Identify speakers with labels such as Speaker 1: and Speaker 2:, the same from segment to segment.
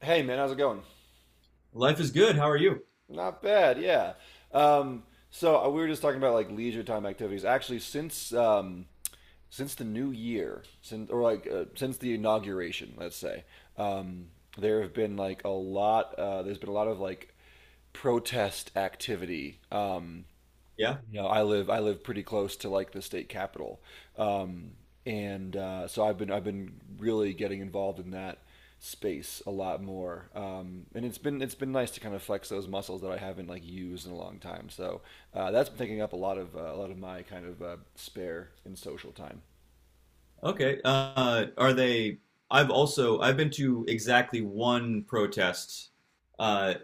Speaker 1: Hey man, how's it going?
Speaker 2: Life is good. How are you?
Speaker 1: Not bad, yeah. Um, so we were just talking about like leisure time activities. Actually, since the new year, since or like since the inauguration, let's say. um, there have been like a lot. There's been a lot of like protest activity. Um,
Speaker 2: Yeah.
Speaker 1: you know, I live I live pretty close to like the state capital, um, and so I've been really getting involved in that space a lot more, and it's been nice to kind of flex those muscles that I haven't like used in a long time. So that's been taking up a lot of my kind of spare and social time.
Speaker 2: Okay. Are they? I've been to exactly one protest uh,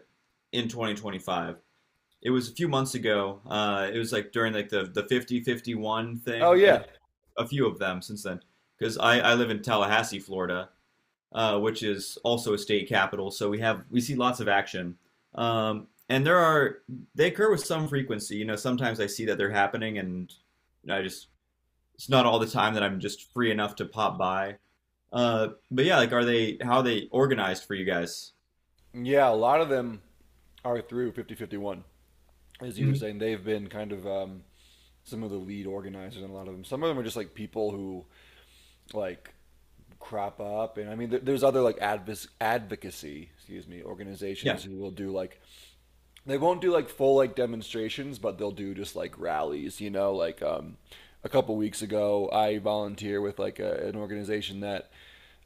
Speaker 2: in 2025. It was a few months ago. It was like during like the 50-51
Speaker 1: Oh
Speaker 2: thing, and
Speaker 1: yeah,
Speaker 2: there's a few of them since then. Because I live in Tallahassee, Florida, which is also a state capital, so we see lots of action. And there are they occur with some frequency. You know, sometimes I see that they're happening, and I just it's not all the time that I'm just free enough to pop by. But yeah, like, are they how are they organized for you guys?
Speaker 1: yeah, a lot of them are through 5051, as you were
Speaker 2: Mhm.
Speaker 1: saying. They've been kind of some of the lead organizers, and a lot of them. Some of them are just like people who like crop up. And I mean there's other like advocacy, excuse me,
Speaker 2: Yeah,
Speaker 1: organizations who will do like they won't do like full like demonstrations, but they'll do just like rallies, you know, like a couple weeks ago I volunteer with like an organization that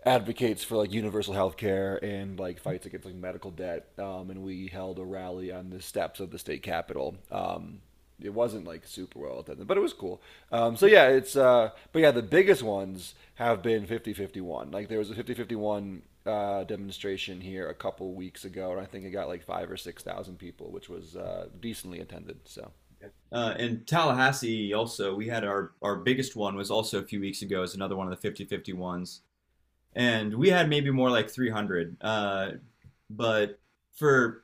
Speaker 1: advocates for like universal health care and like fights against like medical debt, and we held a rally on the steps of the state capitol. It wasn't like super well attended, but it was cool. So
Speaker 2: yeah.
Speaker 1: yeah, it's but yeah, the biggest ones have been 5051. Like there was a 5051 demonstration here a couple weeks ago, and I think it got like five or six thousand people, which was decently attended. So
Speaker 2: In Tallahassee, also, we had our biggest one was also a few weeks ago. Is another one of the 50 fifty ones, and we had maybe more like 300. But for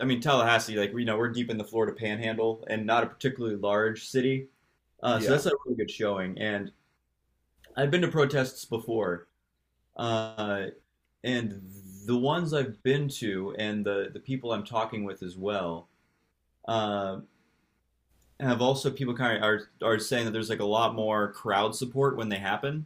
Speaker 2: I mean Tallahassee, like we you know we're deep in the Florida Panhandle and not a particularly large city, so
Speaker 1: yeah,
Speaker 2: that's a really good showing. And I've been to protests before, uh, and the ones I've been to and the people I'm talking with as well uh, have also people kind of are saying that there's like a lot more crowd support when they happen.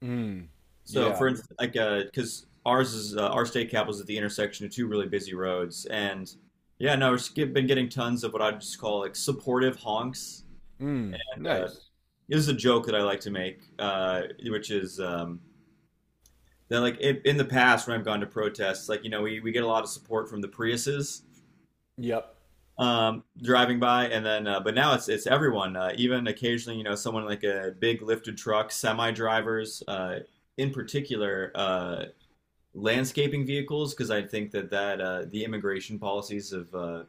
Speaker 1: mm,
Speaker 2: So
Speaker 1: yeah,
Speaker 2: for instance, like because ours is our state cap is at the intersection of two really busy roads, and yeah, no, we've been getting tons of what I just call like supportive honks.
Speaker 1: mm,
Speaker 2: Uh,
Speaker 1: nice.
Speaker 2: this is a joke that I like to make, uh, which is, that like in the past when I've gone to protests, like you know we get a lot of support from the Priuses,
Speaker 1: Yep.
Speaker 2: driving by, and then but now it's everyone, even occasionally you know someone like a big lifted truck, semi drivers, in particular landscaping vehicles, because I think that the immigration policies have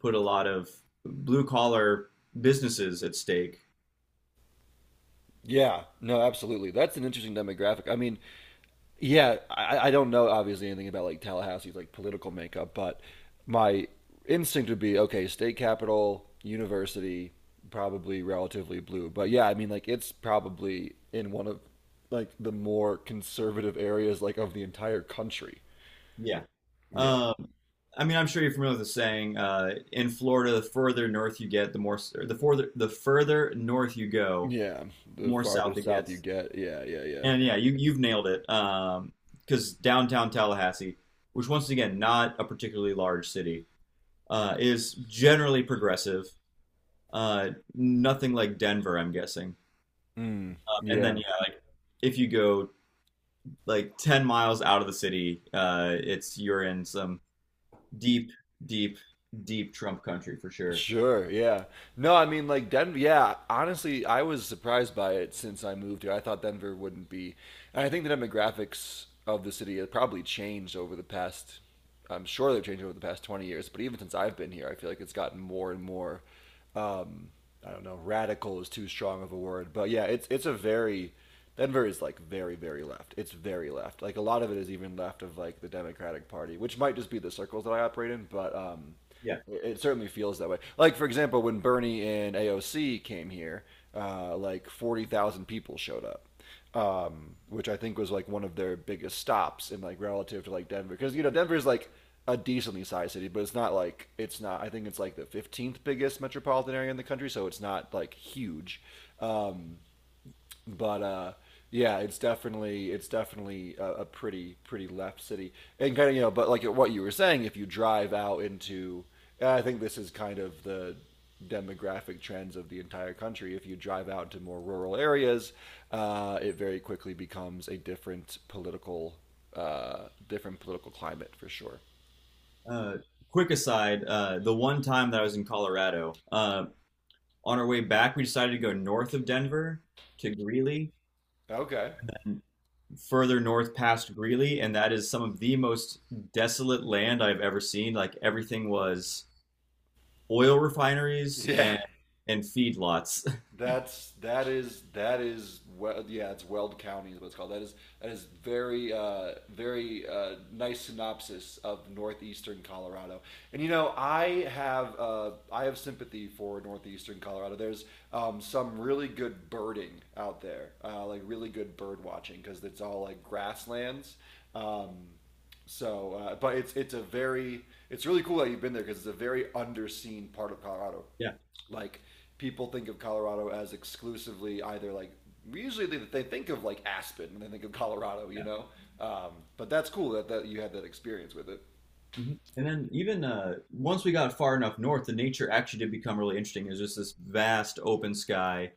Speaker 2: put a lot of blue collar businesses at stake.
Speaker 1: Yeah. No, absolutely. That's an interesting demographic. I mean, yeah, I don't know obviously anything about like Tallahassee's like political makeup, but my instinct would be okay, state capital, university, probably relatively blue. But yeah, I mean like it's probably in one of like the more conservative areas like of the entire country.
Speaker 2: Yeah.
Speaker 1: Yeah.
Speaker 2: Um, I mean, I'm sure you're familiar with the saying, in Florida, the further north you get, the more, or the further north you go,
Speaker 1: Yeah. The
Speaker 2: more
Speaker 1: farther
Speaker 2: south it
Speaker 1: south you
Speaker 2: gets.
Speaker 1: get, yeah, yeah, yeah.
Speaker 2: And yeah, you
Speaker 1: So,
Speaker 2: you've nailed it. Because downtown Tallahassee, which once again not a particularly large city, is generally progressive. Nothing like Denver, I'm guessing.
Speaker 1: mm,
Speaker 2: And then
Speaker 1: yeah.
Speaker 2: yeah, like if you go like 10 miles out of the city, it's you're in some deep, deep, deep Trump country for sure.
Speaker 1: Sure, yeah. No, I mean like Denver, yeah, honestly, I was surprised by it since I moved here. I thought Denver wouldn't be. And I think the demographics of the city have probably changed over the past I'm sure they've changed over the past 20 years, but even since I've been here, I feel like it's gotten more and more um, I don't know, radical is too strong of a word, but yeah, it's a very Denver is like very very left. It's very left. Like a lot of it is even left of like the Democratic Party, which might just be the circles that I operate in, but um,
Speaker 2: Yeah.
Speaker 1: it, it certainly feels that way. Like for example, when Bernie and AOC came here, like 40,000 people showed up, which I think was like one of their biggest stops in like relative to like Denver, because you know Denver's like a decently sized city, but it's not like it's not. I think it's like the 15th biggest metropolitan area in the country, so it's not like huge, but yeah, it's definitely a pretty pretty left city, and kind of, but like what you were saying, if you drive out into, and I think this is kind of the demographic trends of the entire country. If you drive out to more rural areas, it very quickly becomes a different political climate for sure.
Speaker 2: Uh, Quick aside, the one time that I was in Colorado, on our way back, we decided to go north of Denver to Greeley
Speaker 1: Okay.
Speaker 2: further north past Greeley, and that is some of the most desolate land I've ever seen. Like everything was oil refineries
Speaker 1: Yeah.
Speaker 2: and feedlots.
Speaker 1: That's that is well, yeah, it's Weld County is what it's called. That is very nice synopsis of northeastern Colorado. And you know I have sympathy for northeastern Colorado. There's some really good birding out there, like really good bird watching because it's all like grasslands, um, so but it's a very it's really cool that you've been there because it's a very underseen part of Colorado,
Speaker 2: Yeah,
Speaker 1: like people think of Colorado as exclusively either like usually they think of like Aspen and they think of Colorado, you
Speaker 2: yeah.
Speaker 1: know. But that's cool that you had that experience with it.
Speaker 2: Mhm. And then even once we got far enough north, the nature actually did become really interesting. It was just this vast open sky,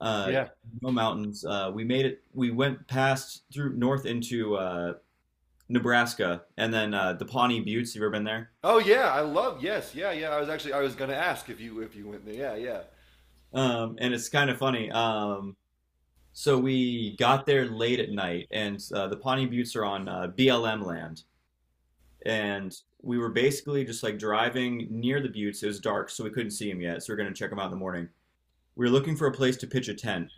Speaker 2: uh,
Speaker 1: Yeah.
Speaker 2: no mountains. We made it. We went past through north into Nebraska, and then the Pawnee Buttes. You ever been there?
Speaker 1: Oh yeah, I love yes, yeah, yeah. I was gonna ask if you went there. Yeah, yeah.
Speaker 2: And it's kind of funny. So we got there late at night, and the Pawnee Buttes are on BLM land. And we were basically just like driving near the buttes. It was dark, so we couldn't see them yet. So we are going to check them out in the morning. We were looking for a place to pitch a tent.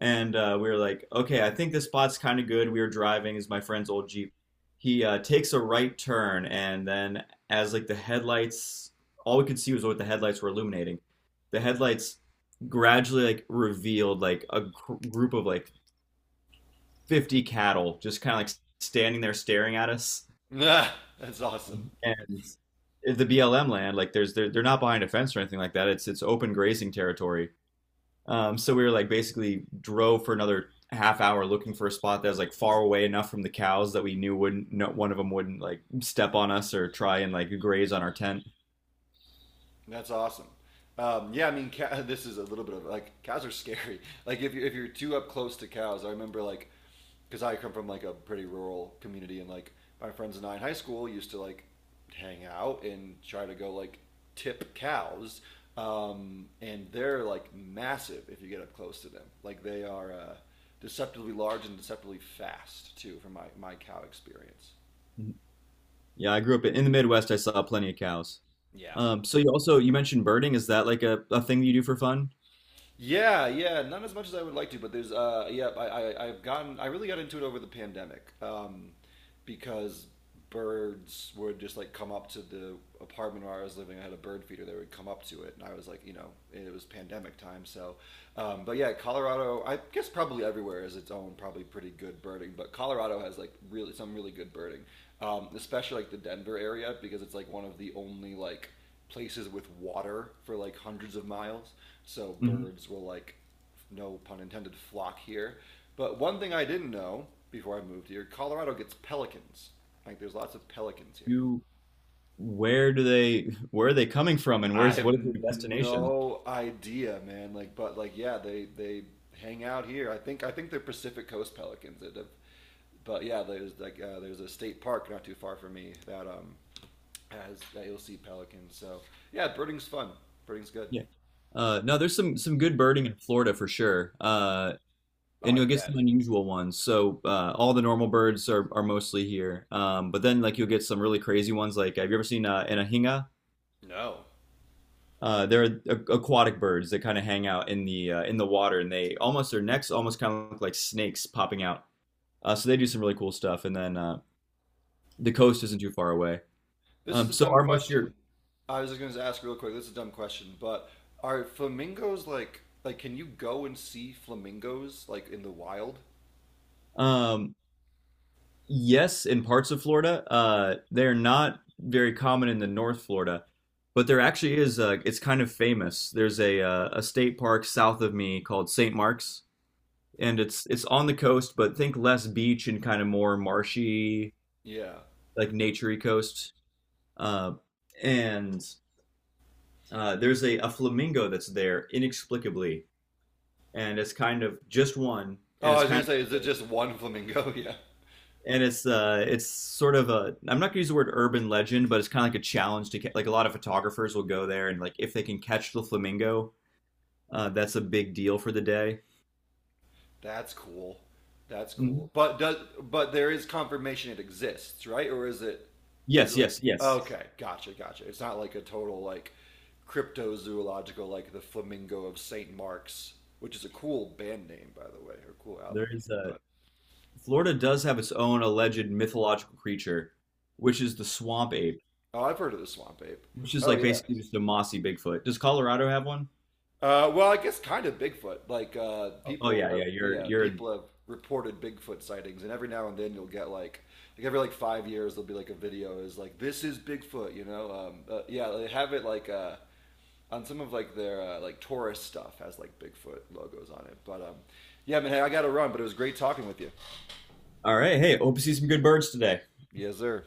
Speaker 2: And we were like, okay, I think this spot's kind of good. We were driving, is my friend's old Jeep. He takes a right turn, and then as like the headlights, all we could see was what the headlights were illuminating. The headlights gradually like revealed like a group of like 50 cattle just kind of like standing there staring at us.
Speaker 1: That's awesome.
Speaker 2: And the BLM land, like there's they're not behind a fence or anything like that. It's open grazing territory. So we were like basically drove for another half hour looking for a spot that was like far away enough from the cows that we knew wouldn't no, one of them wouldn't like step on us or try and like graze on our tent.
Speaker 1: That's awesome. Yeah, I mean, this is a little bit of like cows are scary. Like if you're too up close to cows, I remember like because I come from like a pretty rural community, and like my friends and I in high school used to like hang out and try to go like tip cows, and they're like massive if you get up close to them. Like they are deceptively large and deceptively fast too, from my cow experience.
Speaker 2: Yeah, I grew up in the Midwest. I saw plenty of cows.
Speaker 1: Yeah.
Speaker 2: So you mentioned birding. Is that like a thing you do for fun?
Speaker 1: Yeah, yeah, not as much as I would like to, but there's yeah, I really got into it over the pandemic, because birds would just like come up to the apartment where I was living. I had a bird feeder that would come up to it, and I was like, it was pandemic time, so. But yeah, Colorado, I guess probably everywhere is its own probably pretty good birding, but Colorado has like really some really good birding, especially like the Denver area because it's like one of the only like places with water for like hundreds of miles. So
Speaker 2: Hmm.
Speaker 1: birds will like, no pun intended, flock here. But one thing I didn't know before I moved here, Colorado gets pelicans. Like there's lots of pelicans here.
Speaker 2: You Where do they where are they coming from and
Speaker 1: I
Speaker 2: where's
Speaker 1: have
Speaker 2: what is their destination?
Speaker 1: no idea, man. Like, but like, yeah, they hang out here. I think they're Pacific Coast pelicans. But yeah, there's a state park not too far from me that you'll see pelicans. So yeah, birding's fun. Birding's good.
Speaker 2: Yeah. No, there's some good birding in Florida for sure.
Speaker 1: Oh,
Speaker 2: And
Speaker 1: I
Speaker 2: you'll get
Speaker 1: bet.
Speaker 2: some unusual ones. So all the normal birds are mostly here. But then like you'll get some really crazy ones. Like have you ever seen an ahinga?
Speaker 1: No.
Speaker 2: They're aquatic birds that kind of hang out in the water, and they almost their necks almost kind of look like snakes popping out. So they do some really cool stuff. And then the coast isn't too far away.
Speaker 1: This is a
Speaker 2: So
Speaker 1: dumb
Speaker 2: our most year.
Speaker 1: question. I was just going to ask real quick. This is a dumb question, but are flamingos like can you go and see flamingos like in the wild?
Speaker 2: Um, yes, in parts of Florida, they're not very common in the North Florida, but there actually is. Uh, it's kind of famous. There's a state park south of me called St. Mark's, and it's on the coast, but think less beach and kind of more marshy,
Speaker 1: Yeah.
Speaker 2: like naturey coast. Uh, and there's a flamingo that's there inexplicably, and it's kind of just one, and
Speaker 1: Oh, I
Speaker 2: it's
Speaker 1: was going
Speaker 2: kind
Speaker 1: to
Speaker 2: of
Speaker 1: say, is it
Speaker 2: cool.
Speaker 1: just one flamingo? Yeah.
Speaker 2: And it's sort of a I'm not gonna use the word urban legend, but it's kind of like a challenge to like a lot of photographers will go there and like if they can catch the flamingo, that's a big deal for the day.
Speaker 1: That's cool. That's
Speaker 2: Mhm.
Speaker 1: cool. But there is confirmation it exists, right? Or is it is
Speaker 2: Yes,
Speaker 1: it like
Speaker 2: yes, yes.
Speaker 1: okay, gotcha, gotcha. It's not like a total like cryptozoological like the flamingo of St. Mark's, which is a cool band name by the way, or cool album
Speaker 2: There is a
Speaker 1: name.
Speaker 2: Florida does have its own alleged mythological creature, which is the swamp ape,
Speaker 1: Oh, I've heard of the swamp ape.
Speaker 2: which is
Speaker 1: Oh
Speaker 2: like
Speaker 1: yeah.
Speaker 2: basically just a mossy Bigfoot. Does Colorado have one?
Speaker 1: Well, I guess kind of Bigfoot. Like
Speaker 2: Oh, oh
Speaker 1: people
Speaker 2: yeah,
Speaker 1: have,
Speaker 2: yeah.
Speaker 1: yeah,
Speaker 2: You're
Speaker 1: people have reported Bigfoot sightings, and every now and then you'll get like, every like 5 years there'll be like a video is like this is Bigfoot, you know? Yeah, they have it like on some of like their like tourist stuff has like Bigfoot logos on it. But yeah, man, hey, I gotta run. But it was great talking with you.
Speaker 2: All right. Hey, hope you see some good birds today.
Speaker 1: Yes, sir.